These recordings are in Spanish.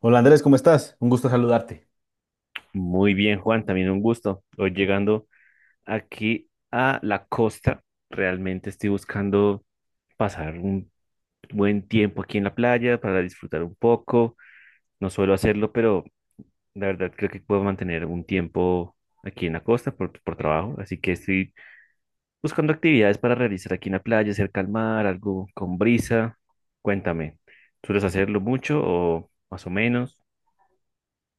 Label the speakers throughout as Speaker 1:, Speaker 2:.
Speaker 1: Hola Andrés, ¿cómo estás? Un gusto saludarte.
Speaker 2: Muy bien, Juan, también un gusto. Hoy llegando aquí a la costa, realmente estoy buscando pasar un buen tiempo aquí en la playa para disfrutar un poco. No suelo hacerlo, pero la verdad creo que puedo mantener un tiempo aquí en la costa por trabajo. Así que estoy buscando actividades para realizar aquí en la playa, cerca al mar, algo con brisa. Cuéntame, ¿sueles hacerlo mucho o más o menos?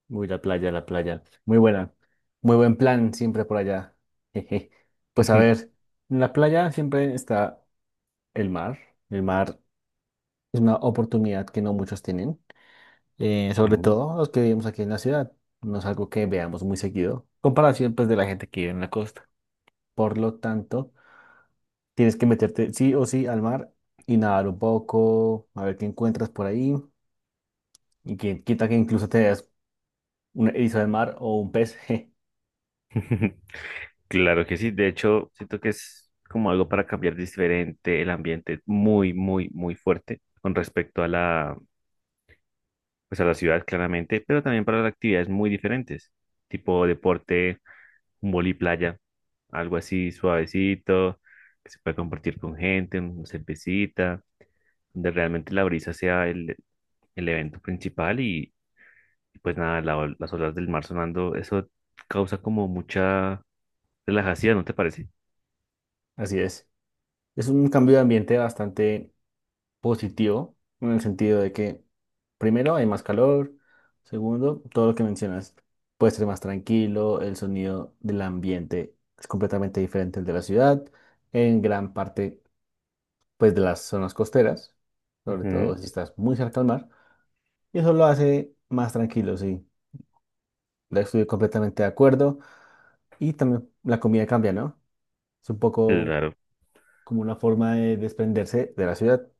Speaker 1: Uy, la playa, la playa. Muy buena. Muy buen plan siempre por allá. Jeje. Pues a ver, en la playa siempre está el mar. El mar es una oportunidad que no muchos tienen, sobre
Speaker 2: Mm.
Speaker 1: todo los que vivimos aquí en la ciudad. No es algo que veamos muy seguido, comparación pues de la gente que vive en la costa. Por lo tanto, tienes que meterte sí o sí al mar y nadar un poco, a ver qué encuentras por ahí y quien quita que incluso te des un erizo de mar o un pez.
Speaker 2: Claro que sí, de hecho, siento que es como algo para cambiar diferente el ambiente, muy, muy, muy fuerte con respecto a pues a la ciudad, claramente, pero también para las actividades muy diferentes, tipo deporte, un boli playa, algo así suavecito, que se pueda compartir con gente, una cervecita, donde realmente la brisa sea el evento principal y pues nada, las olas del mar sonando, eso causa como mucha relajación, ¿no te parece?
Speaker 1: Así es. Es un cambio de ambiente bastante positivo en el sentido de que, primero, hay más calor, segundo, todo lo que mencionas puede ser más tranquilo, el sonido del ambiente es completamente diferente al de la ciudad, en gran parte, pues, de las zonas costeras, sobre
Speaker 2: Ujú.
Speaker 1: todo si estás muy cerca al mar, y eso lo hace más tranquilo, sí. La Estoy completamente de acuerdo y también la comida cambia, ¿no? Es un poco
Speaker 2: Claro,
Speaker 1: como una forma de desprenderse de la ciudad.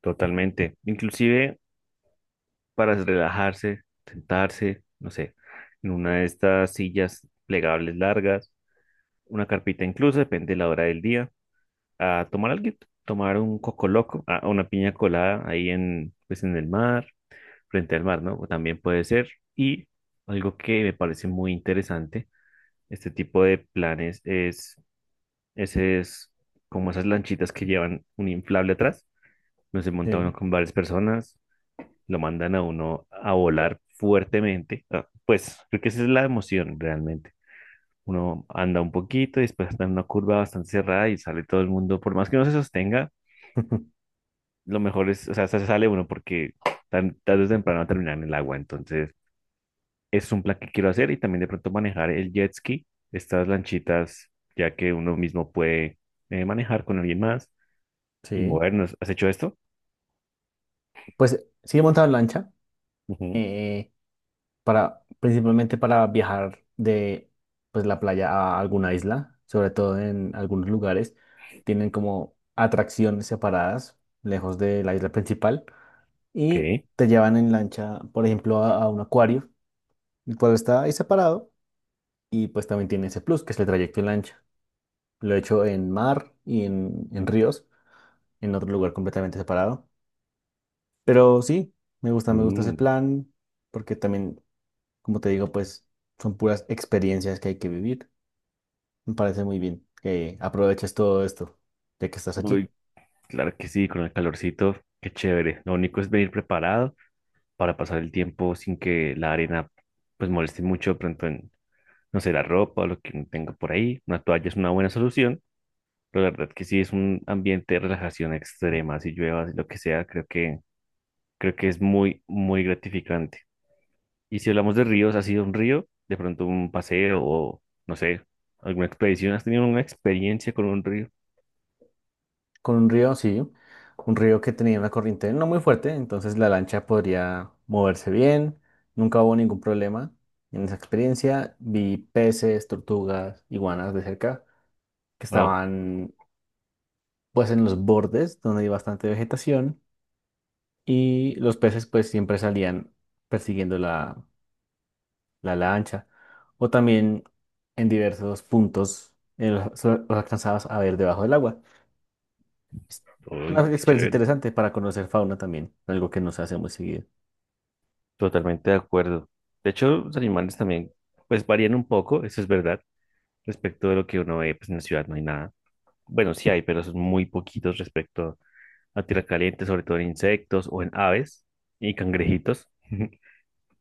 Speaker 2: totalmente. Inclusive para relajarse, sentarse, no sé, en una de estas sillas plegables largas, una carpita incluso, depende de la hora del día, a tomar algo, tomar un coco loco, a una piña colada ahí en, pues en el mar, frente al mar, ¿no? O también puede ser. Y algo que me parece muy interesante, este tipo de planes es, ese es como esas lanchitas que llevan un inflable atrás. Nos se monta uno
Speaker 1: Sí.
Speaker 2: con varias personas, lo mandan a uno a volar fuertemente. Ah, pues creo que esa es la emoción realmente. Uno anda un poquito y después está en una curva bastante cerrada y sale todo el mundo. Por más que no se sostenga, lo mejor es, o sea, se sale uno porque tarde o temprano va a terminar en el agua. Entonces, es un plan que quiero hacer y también de pronto manejar el jet ski, estas lanchitas, ya que uno mismo puede manejar con alguien más y
Speaker 1: Sí,
Speaker 2: movernos. ¿Has hecho esto?
Speaker 1: pues sí he montado en lancha
Speaker 2: Ujú.
Speaker 1: eh, para principalmente para viajar de pues la playa a alguna isla, sobre todo en algunos lugares tienen como atracciones separadas lejos de la isla principal y
Speaker 2: Ok.
Speaker 1: te llevan en lancha, por ejemplo, a un acuario, el cual está ahí separado y pues también tiene ese plus que es el trayecto en lancha. Lo he hecho en mar y en ríos, en otro lugar completamente separado, pero sí, me gusta ese
Speaker 2: Mm.
Speaker 1: plan porque también, como te digo, pues son puras experiencias que hay que vivir. Me parece muy bien que aproveches todo esto, ya que estás allí.
Speaker 2: Uy, claro que sí, con el calorcito, qué chévere. Lo único es venir preparado para pasar el tiempo sin que la arena pues moleste mucho de pronto en, no sé, la ropa o lo que uno tenga por ahí. Una toalla es una buena solución, pero la verdad que sí es un ambiente de relajación extrema, si llueva, si lo que sea, creo que es muy, muy gratificante. Y si hablamos de ríos, ¿ha sido un río? De pronto un paseo o, no sé, alguna expedición. ¿Has tenido una experiencia con un río?
Speaker 1: Con un río, sí, un río que tenía una corriente no muy fuerte, entonces la lancha podría moverse bien. Nunca hubo ningún problema en esa experiencia. Vi peces, tortugas, iguanas de cerca, que
Speaker 2: Wow,
Speaker 1: estaban pues en los bordes donde hay bastante vegetación y los peces pues siempre salían persiguiendo la lancha, o también en diversos puntos los alcanzabas a ver debajo del agua. Es
Speaker 2: uy,
Speaker 1: una
Speaker 2: qué
Speaker 1: experiencia
Speaker 2: chévere.
Speaker 1: interesante para conocer fauna también, algo que no se hace muy seguido.
Speaker 2: Totalmente de acuerdo. De hecho, los animales también, pues varían un poco, eso es verdad, respecto de lo que uno ve, pues en la ciudad no hay nada. Bueno, sí hay, pero son muy poquitos respecto a tierra caliente, sobre todo en insectos o en aves y cangrejitos.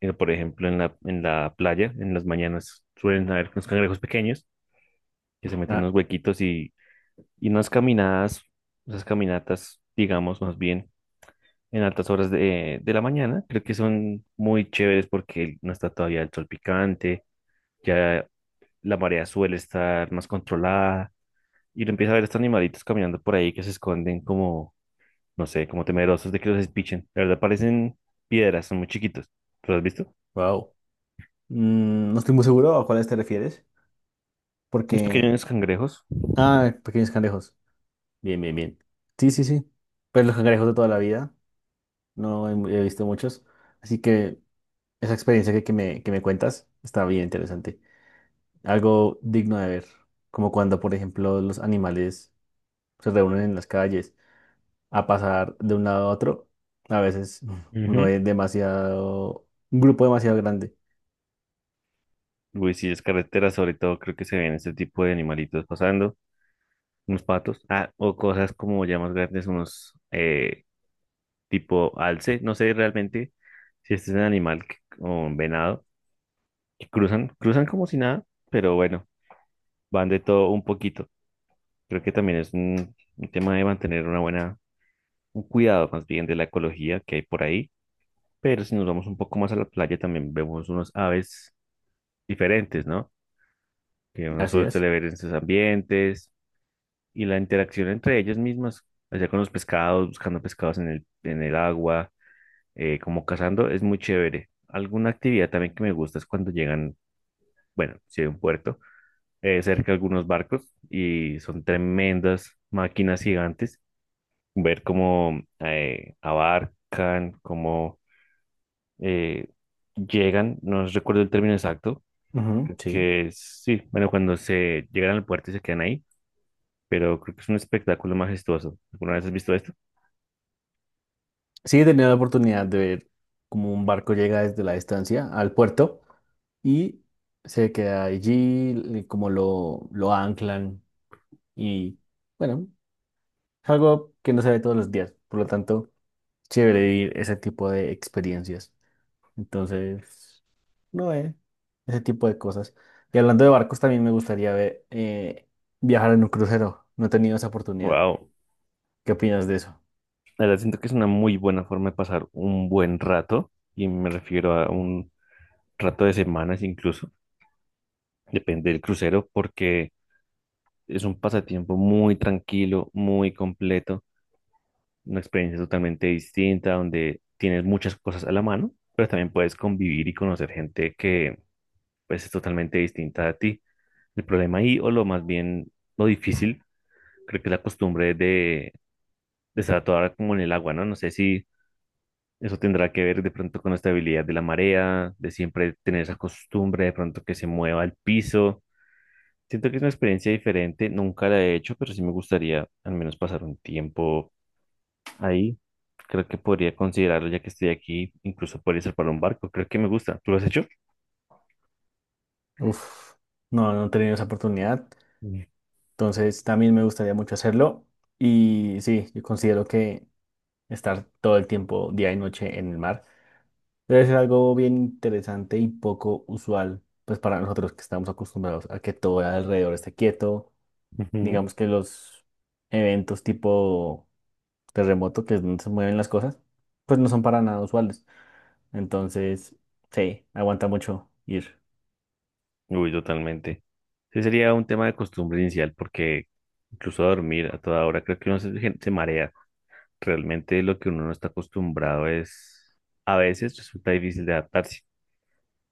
Speaker 2: Por ejemplo, en en la playa, en las mañanas suelen haber unos cangrejos pequeños que se meten en
Speaker 1: Ah,
Speaker 2: unos huequitos y unas caminadas, esas caminatas, digamos, más bien en altas horas de la mañana, creo que son muy chéveres porque no está todavía el sol picante, ya la marea suele estar más controlada y uno empieza a ver estos animalitos caminando por ahí que se esconden como, no sé, como temerosos de que los espichen. La verdad parecen piedras, son muy chiquitos. ¿Los has visto?
Speaker 1: wow. Mm, no estoy muy seguro a cuáles te refieres,
Speaker 2: Unos
Speaker 1: porque...
Speaker 2: pequeños cangrejos.
Speaker 1: Ah, pequeños cangrejos. Bien, bien, bien. Sí, sí, sí. Pues los cangrejos de toda la vida, no he, mu- he visto muchos, así que esa experiencia que me cuentas está bien interesante. Algo digno de ver, como cuando, por ejemplo, los animales se reúnen en las calles a pasar de un lado a otro. A veces uno
Speaker 2: Ujú.
Speaker 1: ve demasiado, un grupo demasiado grande.
Speaker 2: Uy, sí, es carretera, sobre todo creo que se ven este tipo de animalitos pasando, unos patos, ah, o cosas como ya más grandes, unos tipo alce, no sé realmente si este es un o un venado, que cruzan, cruzan como si nada, pero bueno, van de todo un poquito. Creo que también es un tema de mantener una buena, un cuidado más bien de la ecología que hay por ahí. Pero si nos vamos un poco más a la playa, también vemos unos aves diferentes, ¿no? Que uno
Speaker 1: Así
Speaker 2: solo
Speaker 1: es.
Speaker 2: suele ver en sus ambientes y la interacción entre ellas mismas, allá con los pescados, buscando pescados en en el agua, como cazando, es muy chévere. Alguna actividad también que me gusta es cuando llegan, bueno, si hay un puerto, cerca algunos barcos y son tremendas máquinas gigantes ver cómo abarcan, cómo eh, llegan, no recuerdo el término exacto,
Speaker 1: Ujú,
Speaker 2: creo
Speaker 1: sí.
Speaker 2: que sí, bueno, cuando se llegan al puerto y se quedan ahí, pero creo que es un espectáculo majestuoso. ¿Alguna vez has visto esto?
Speaker 1: Sí, he tenido la oportunidad de ver cómo un barco llega desde la distancia al puerto y se queda allí, como lo anclan y bueno, es algo que no se ve todos los días, por lo tanto, chévere vivir ese tipo de experiencias. Entonces, no, eh. Ese tipo de cosas. Y hablando de barcos, también me gustaría ver, viajar en un crucero. No he tenido esa oportunidad.
Speaker 2: Wow,
Speaker 1: ¿Qué opinas de eso?
Speaker 2: la verdad siento que es una muy buena forma de pasar un buen rato, y me refiero a un rato de semanas incluso, depende del crucero, porque es un pasatiempo muy tranquilo, muy completo, una experiencia totalmente distinta, donde tienes muchas cosas a la mano, pero también puedes convivir y conocer gente que pues es totalmente distinta a ti. El problema ahí, o lo más bien lo difícil, creo que es la costumbre de estar a toda hora como en el agua, ¿no? No sé si eso tendrá que ver de pronto con la estabilidad de la marea, de siempre tener esa costumbre de pronto que se mueva el piso. Siento que es una experiencia diferente, nunca la he hecho, pero sí me gustaría al menos pasar un tiempo ahí. Creo que podría considerarlo ya que estoy aquí, incluso podría ser para un barco, creo que me gusta. ¿Tú lo has hecho?
Speaker 1: Uf, no, he tenido esa oportunidad.
Speaker 2: Mm.
Speaker 1: Entonces, también me gustaría mucho hacerlo. Y sí, yo considero que estar todo el tiempo, día y noche, en el mar debe ser algo bien interesante y poco usual, pues para nosotros que estamos acostumbrados a que todo alrededor esté quieto.
Speaker 2: Ujú.
Speaker 1: Digamos que los eventos tipo terremoto, que es donde se mueven las cosas, pues no son para nada usuales. Entonces, sí, aguanta mucho ir.
Speaker 2: Uy, totalmente. Sí, sería un tema de costumbre inicial porque incluso dormir a toda hora creo que se marea. Realmente lo que uno no está acostumbrado es a veces resulta difícil de adaptarse.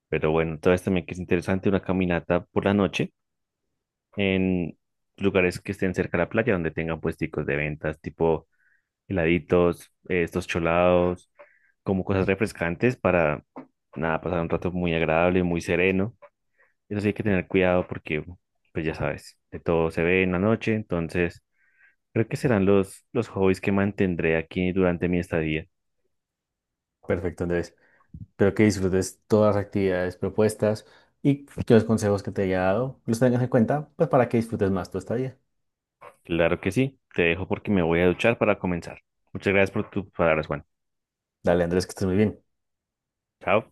Speaker 2: Pero bueno, tal vez también que es interesante una caminata por la noche en lugares que estén cerca de la playa donde tengan puesticos de ventas tipo heladitos, estos cholados, como cosas refrescantes para, nada, pasar un rato muy agradable, muy sereno. Eso sí hay que tener cuidado porque, pues ya sabes, de todo se ve en la noche, entonces creo que serán los hobbies que mantendré aquí durante mi estadía.
Speaker 1: Perfecto, Andrés. Espero que disfrutes todas las actividades propuestas y que los consejos que te haya dado los tengas en cuenta, pues para que disfrutes más tu estadía.
Speaker 2: Claro que sí, te dejo porque me voy a duchar para comenzar. Muchas gracias por tus palabras, Juan.
Speaker 1: Dale, Andrés, que estés muy bien.
Speaker 2: Chao.